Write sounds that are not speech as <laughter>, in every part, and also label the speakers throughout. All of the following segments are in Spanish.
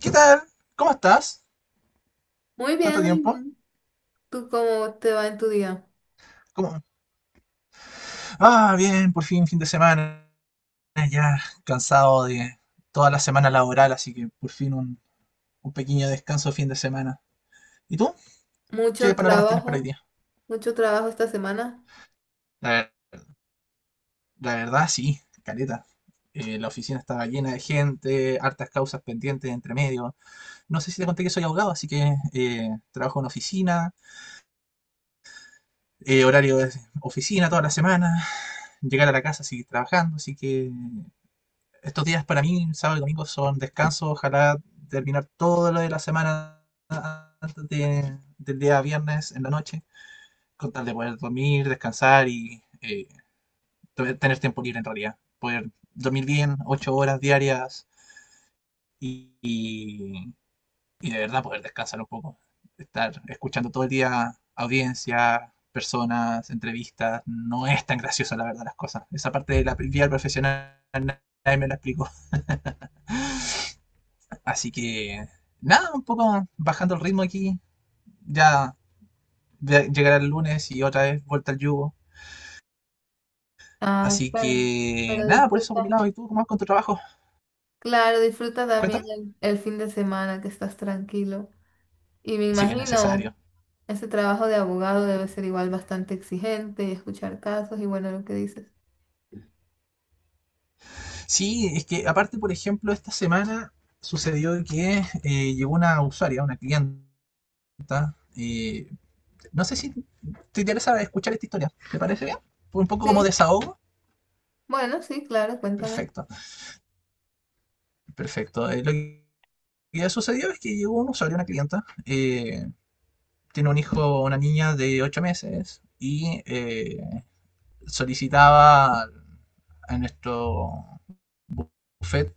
Speaker 1: ¿Qué tal? ¿Cómo estás?
Speaker 2: Muy
Speaker 1: ¿Tanto
Speaker 2: bien, muy
Speaker 1: tiempo?
Speaker 2: bien. ¿Tú cómo te va en tu día?
Speaker 1: ¿Cómo? Ah, bien, por fin, fin de semana. Ya cansado de toda la semana laboral, así que por fin un pequeño descanso de fin de semana. ¿Y tú? ¿Qué
Speaker 2: Mucho
Speaker 1: panoramas tienes para hoy
Speaker 2: trabajo,
Speaker 1: día?
Speaker 2: mucho trabajo esta semana.
Speaker 1: La, ver- la verdad, sí, caleta. La oficina estaba llena de gente, hartas causas pendientes entre medio. No sé si te conté que soy abogado, así que trabajo en oficina, horario de oficina toda la semana, llegar a la casa, seguir trabajando, así que estos días para mí, sábado y domingo, son descanso. Ojalá terminar todo lo de la semana del día viernes en la noche, con tal de poder dormir, descansar y tener tiempo libre en realidad. Poder dormir bien, 8 horas diarias y, y- y de verdad poder descansar un poco. Estar escuchando todo el día audiencia, personas, entrevistas, no es tan gracioso la verdad las cosas. Esa parte de la vida profesional nadie me la explicó. <laughs> Así que, nada, un poco bajando el ritmo aquí. Ya Llegará el lunes y otra vez vuelta al yugo.
Speaker 2: Ah,
Speaker 1: Así
Speaker 2: claro.
Speaker 1: que,
Speaker 2: Pero
Speaker 1: nada, por eso por mi
Speaker 2: disfruta.
Speaker 1: lado. ¿Y tú cómo vas con tu trabajo?
Speaker 2: Claro, disfruta también
Speaker 1: Cuéntame.
Speaker 2: el fin de semana que estás tranquilo. Y me
Speaker 1: Sí, es necesario.
Speaker 2: imagino, ese trabajo de abogado debe ser igual bastante exigente y escuchar casos y bueno, lo que dices.
Speaker 1: Sí, es que aparte, por ejemplo, esta semana sucedió que llegó una usuaria, una cliente. eh, no sé si te interesa escuchar esta historia. ¿Te parece bien? ¿Fue un poco como
Speaker 2: Sí,
Speaker 1: desahogo?
Speaker 2: bueno, sí, claro, cuéntame.
Speaker 1: Perfecto, perfecto. Lo que sucedió es que llegó un usuario, una clienta, tiene un hijo, una niña de 8 meses y solicitaba a nuestro buffet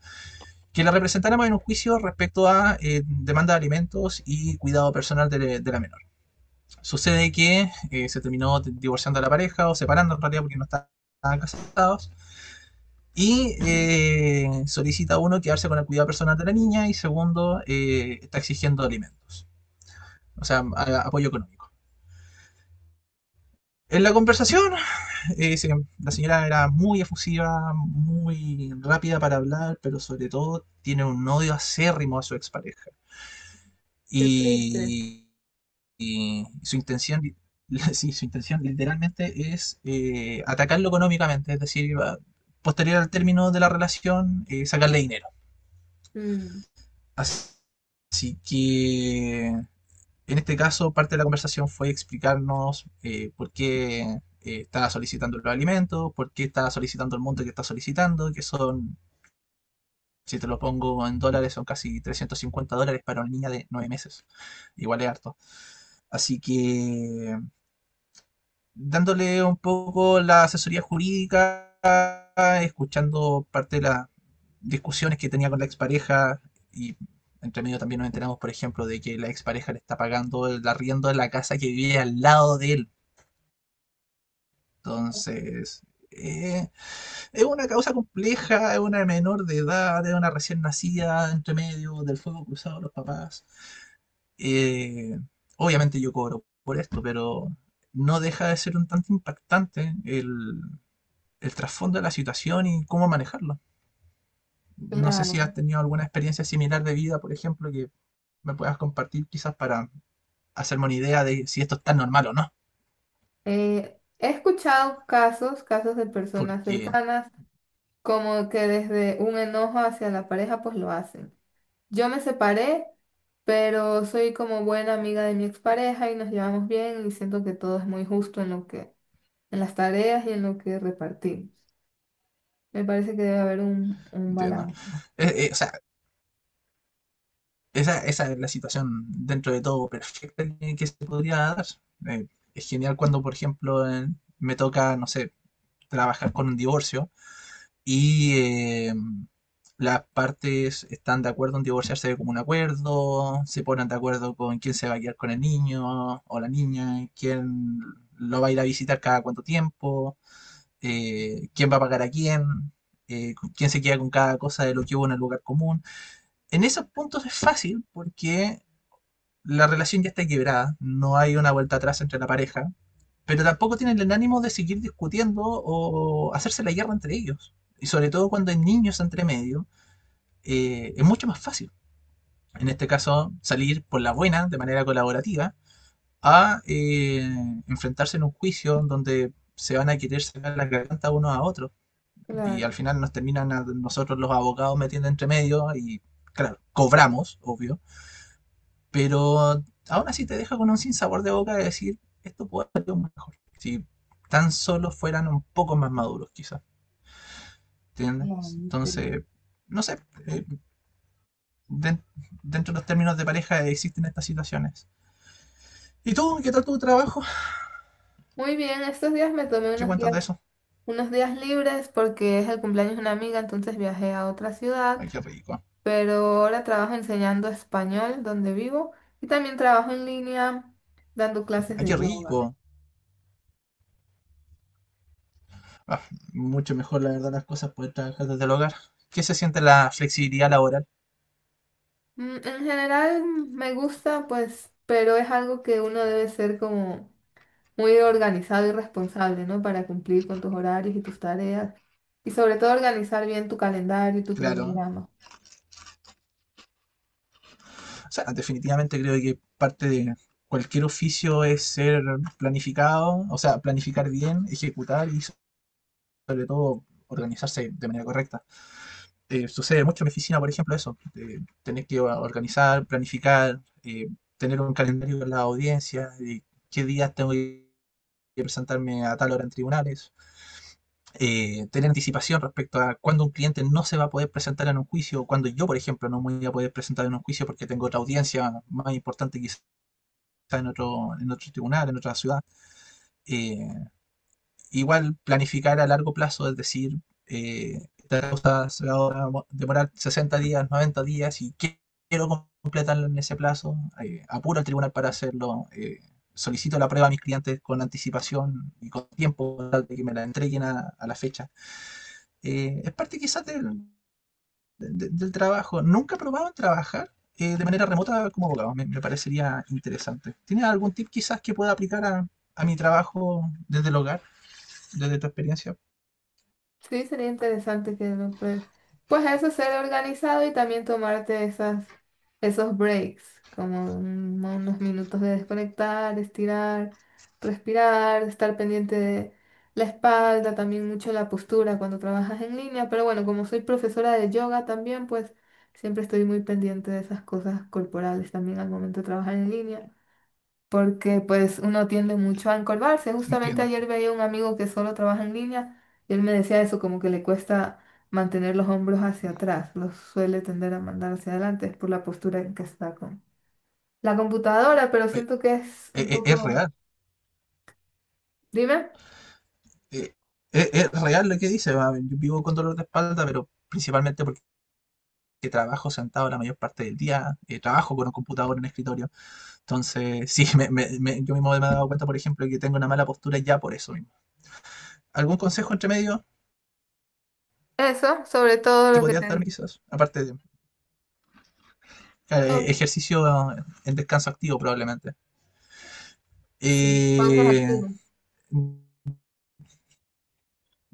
Speaker 1: que la representáramos en un juicio respecto a demanda de alimentos y cuidado personal de la menor. Sucede que se terminó divorciando a la pareja o separando en realidad porque no estaban casados. Y solicita uno quedarse con el cuidado personal de la niña y segundo, está exigiendo alimentos, o sea, apoyo económico. En la conversación sí, la señora era muy efusiva, muy rápida para hablar, pero sobre todo tiene un odio acérrimo a su expareja.
Speaker 2: Qué triste.
Speaker 1: Y, y su intención, <laughs> sí, su intención literalmente es atacarlo económicamente, es decir, posterior al término de la relación, sacarle dinero.
Speaker 2: Mm,
Speaker 1: Así que en este caso, parte de la conversación fue explicarnos por qué estaba solicitando los alimentos, por qué estaba solicitando el monto que está solicitando, que son, si te lo pongo en dólares, son casi $350 para una niña de 9 meses. Igual es harto. Así que dándole un poco la asesoría jurídica, escuchando parte de las discusiones que tenía con la expareja y entre medio también nos enteramos, por ejemplo, de que la expareja le está pagando el arriendo de la casa que vive al lado de él. Entonces, eh, es una causa compleja, es una menor de edad, es una recién nacida, entre medio del fuego cruzado de los papás. Eh, obviamente yo cobro por esto, pero no deja de ser un tanto impactante el trasfondo de la situación y cómo manejarlo. No sé si
Speaker 2: claro.
Speaker 1: has tenido alguna experiencia similar de vida, por ejemplo, que me puedas compartir quizás para hacerme una idea de si esto es tan normal o no,
Speaker 2: He escuchado casos, casos de personas
Speaker 1: porque
Speaker 2: cercanas como que desde un enojo hacia la pareja, pues lo hacen. Yo me separé, pero soy como buena amiga de mi expareja y nos llevamos bien y siento que todo es muy justo en lo que, en las tareas y en lo que repartimos. Me parece que debe haber un
Speaker 1: entiendo.
Speaker 2: balance.
Speaker 1: O sea, esa es la situación dentro de todo perfecta que se podría dar. Eh, es genial cuando, por ejemplo, me toca, no sé, trabajar con un divorcio y eh, las partes están de acuerdo en divorciarse como un acuerdo, se ponen de acuerdo con quién se va a quedar con el niño o la niña, quién lo va a ir a visitar cada cuánto tiempo, quién va a pagar a quién, quién se queda con cada cosa de lo que hubo en el lugar común. En esos puntos es fácil porque la relación ya está quebrada, no hay una vuelta atrás entre la pareja, pero tampoco tienen el ánimo de seguir discutiendo o hacerse la guerra entre ellos. Y sobre todo cuando hay niños entre medio, es mucho más fácil, en este caso, salir por la buena, de manera colaborativa, a enfrentarse en un juicio donde se van a querer sacar la garganta uno a otro. Y
Speaker 2: Claro,
Speaker 1: al final nos terminan a nosotros los abogados metiendo entre medio y, claro, cobramos, obvio, pero aún así te deja con un sinsabor de boca de decir, esto puede haber sido mejor. Si tan solo fueran un poco más maduros, quizás.
Speaker 2: claro,
Speaker 1: ¿Entiendes?
Speaker 2: sí.
Speaker 1: Entonces, no sé, eh, den- dentro de los términos de pareja existen estas situaciones. ¿Y tú? ¿Qué tal tu trabajo?
Speaker 2: Muy bien, estos días me tomé
Speaker 1: ¿Qué cuentas de eso?
Speaker 2: unos días libres porque es el cumpleaños de una amiga, entonces viajé a otra ciudad.
Speaker 1: Ay, qué rico.
Speaker 2: Pero ahora trabajo enseñando español donde vivo y también trabajo en línea dando clases
Speaker 1: Ay, qué
Speaker 2: de yoga.
Speaker 1: rico. Ah, mucho mejor, la verdad, las cosas poder trabajar desde el hogar. ¿Qué se siente la flexibilidad laboral?
Speaker 2: Mm, en general me gusta, pues, pero es algo que uno debe ser como muy organizado y responsable, ¿no? Para cumplir con tus horarios y tus tareas y sobre todo organizar bien tu calendario y tu
Speaker 1: Claro,
Speaker 2: cronograma.
Speaker 1: o sea, definitivamente creo que parte de cualquier oficio es ser planificado, o sea, planificar bien, ejecutar y sobre todo organizarse de manera correcta. Sucede mucho en mi oficina, por ejemplo, eso, de tener que organizar, planificar, tener un calendario con la audiencia, de qué días tengo que presentarme a tal hora en tribunales, tener anticipación respecto a cuándo un cliente no se va a poder presentar en un juicio, o cuando yo, por ejemplo, no me voy a poder presentar en un juicio porque tengo otra audiencia más importante quizás en otro tribunal, en otra ciudad. Eh, igual planificar a largo plazo, es decir, esta cosa se va a demorar 60 días, 90 días, y quiero completarlo en ese plazo, apuro al tribunal para hacerlo, solicito la prueba a mis clientes con anticipación y con tiempo tal de que me la entreguen a la fecha. Es parte quizás del trabajo. Nunca he probado en trabajar de manera remota como abogado. Me parecería interesante. ¿Tienes algún tip quizás que pueda aplicar a mi trabajo desde el hogar, desde tu experiencia?
Speaker 2: Sí, sería interesante que lo pruebes. Pues eso, ser organizado y también tomarte esas, esos breaks, como unos minutos de desconectar, estirar, respirar, estar pendiente de la espalda, también mucho la postura cuando trabajas en línea. Pero bueno, como soy profesora de yoga también, pues siempre estoy muy pendiente de esas cosas corporales también al momento de trabajar en línea porque pues uno tiende mucho a encorvarse. Justamente
Speaker 1: Entiendo.
Speaker 2: ayer veía un amigo que solo trabaja en línea y él me decía eso, como que le cuesta mantener los hombros hacia atrás, los suele tender a mandar hacia adelante, es por la postura en que está con la computadora, pero
Speaker 1: Eh,
Speaker 2: siento que es un
Speaker 1: es
Speaker 2: poco...
Speaker 1: real.
Speaker 2: Dime,
Speaker 1: Eh, es real lo que dice. Yo vivo con dolor de espalda, pero principalmente porque trabajo sentado la mayor parte del día. Trabajo con un computador en el escritorio. Entonces, <laughs> sí, yo mismo me he dado cuenta, por ejemplo, que tengo una mala postura ya por eso mismo. ¿Algún consejo entre medio
Speaker 2: eso, sobre todo
Speaker 1: que
Speaker 2: lo que
Speaker 1: podrías
Speaker 2: te
Speaker 1: darme
Speaker 2: digo.
Speaker 1: quizás? Aparte de claro,
Speaker 2: Todo,
Speaker 1: ejercicio en descanso activo probablemente.
Speaker 2: sí, pausas
Speaker 1: Eh,
Speaker 2: activas.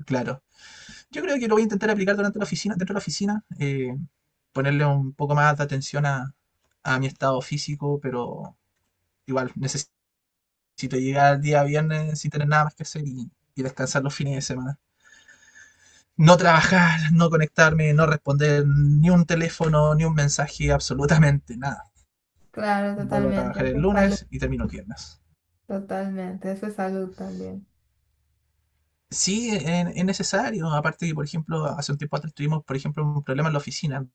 Speaker 1: claro. Yo creo que lo voy a intentar aplicar durante la oficina, dentro de la oficina, ponerle un poco más de atención a mi estado físico, pero igual necesito llegar al día viernes sin tener nada más que hacer y descansar los fines de semana. No trabajar, no conectarme, no responder ni un teléfono, ni un mensaje, absolutamente nada.
Speaker 2: Claro,
Speaker 1: Vuelvo a
Speaker 2: totalmente,
Speaker 1: trabajar
Speaker 2: eso
Speaker 1: el
Speaker 2: es salud,
Speaker 1: lunes y termino el viernes.
Speaker 2: totalmente, eso es salud también.
Speaker 1: Sí, es necesario. Aparte que, por ejemplo, hace un tiempo atrás tuvimos, por ejemplo, un problema en la oficina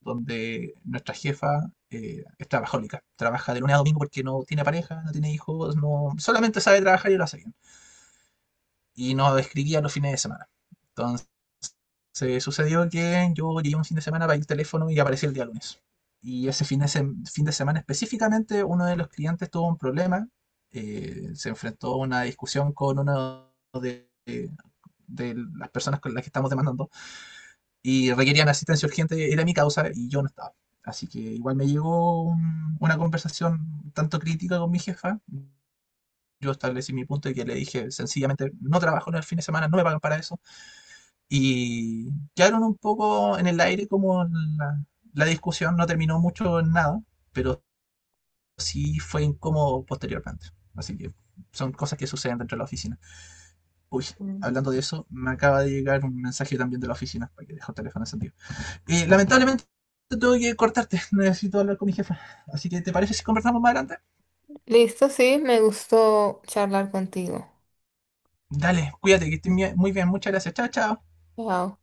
Speaker 1: donde nuestra jefa es trabajólica. Trabaja de lunes a domingo porque no tiene pareja, no tiene hijos, no solamente sabe trabajar y lo hace bien. Y nos escribía los fines de semana. Se sucedió que yo llegué un fin de semana para el teléfono y apareció el día lunes. Y ese fin de semana específicamente, uno de los clientes tuvo un problema. Se enfrentó a una discusión con uno de, de las personas con las que estamos demandando y requerían asistencia urgente. Era mi causa y yo no estaba. Así que igual me llegó una conversación tanto crítica con mi jefa. Yo establecí mi punto y que le dije sencillamente, no trabajo en el fin de semana, no me pagan para eso y quedaron un poco en el aire como la discusión no terminó mucho en nada, pero sí fue incómodo posteriormente. Así que son cosas que suceden dentro de la oficina. Uy,
Speaker 2: Mm.
Speaker 1: hablando de eso, me acaba de llegar un mensaje también de la oficina, para que dejo el teléfono encendido. Lamentablemente tengo que cortarte, <laughs> necesito hablar con mi jefa. Así que, ¿te parece si conversamos más adelante?
Speaker 2: Listo, sí, me gustó charlar contigo.
Speaker 1: Dale, cuídate, que estés muy bien, muchas gracias. Chao, chao.
Speaker 2: Chao.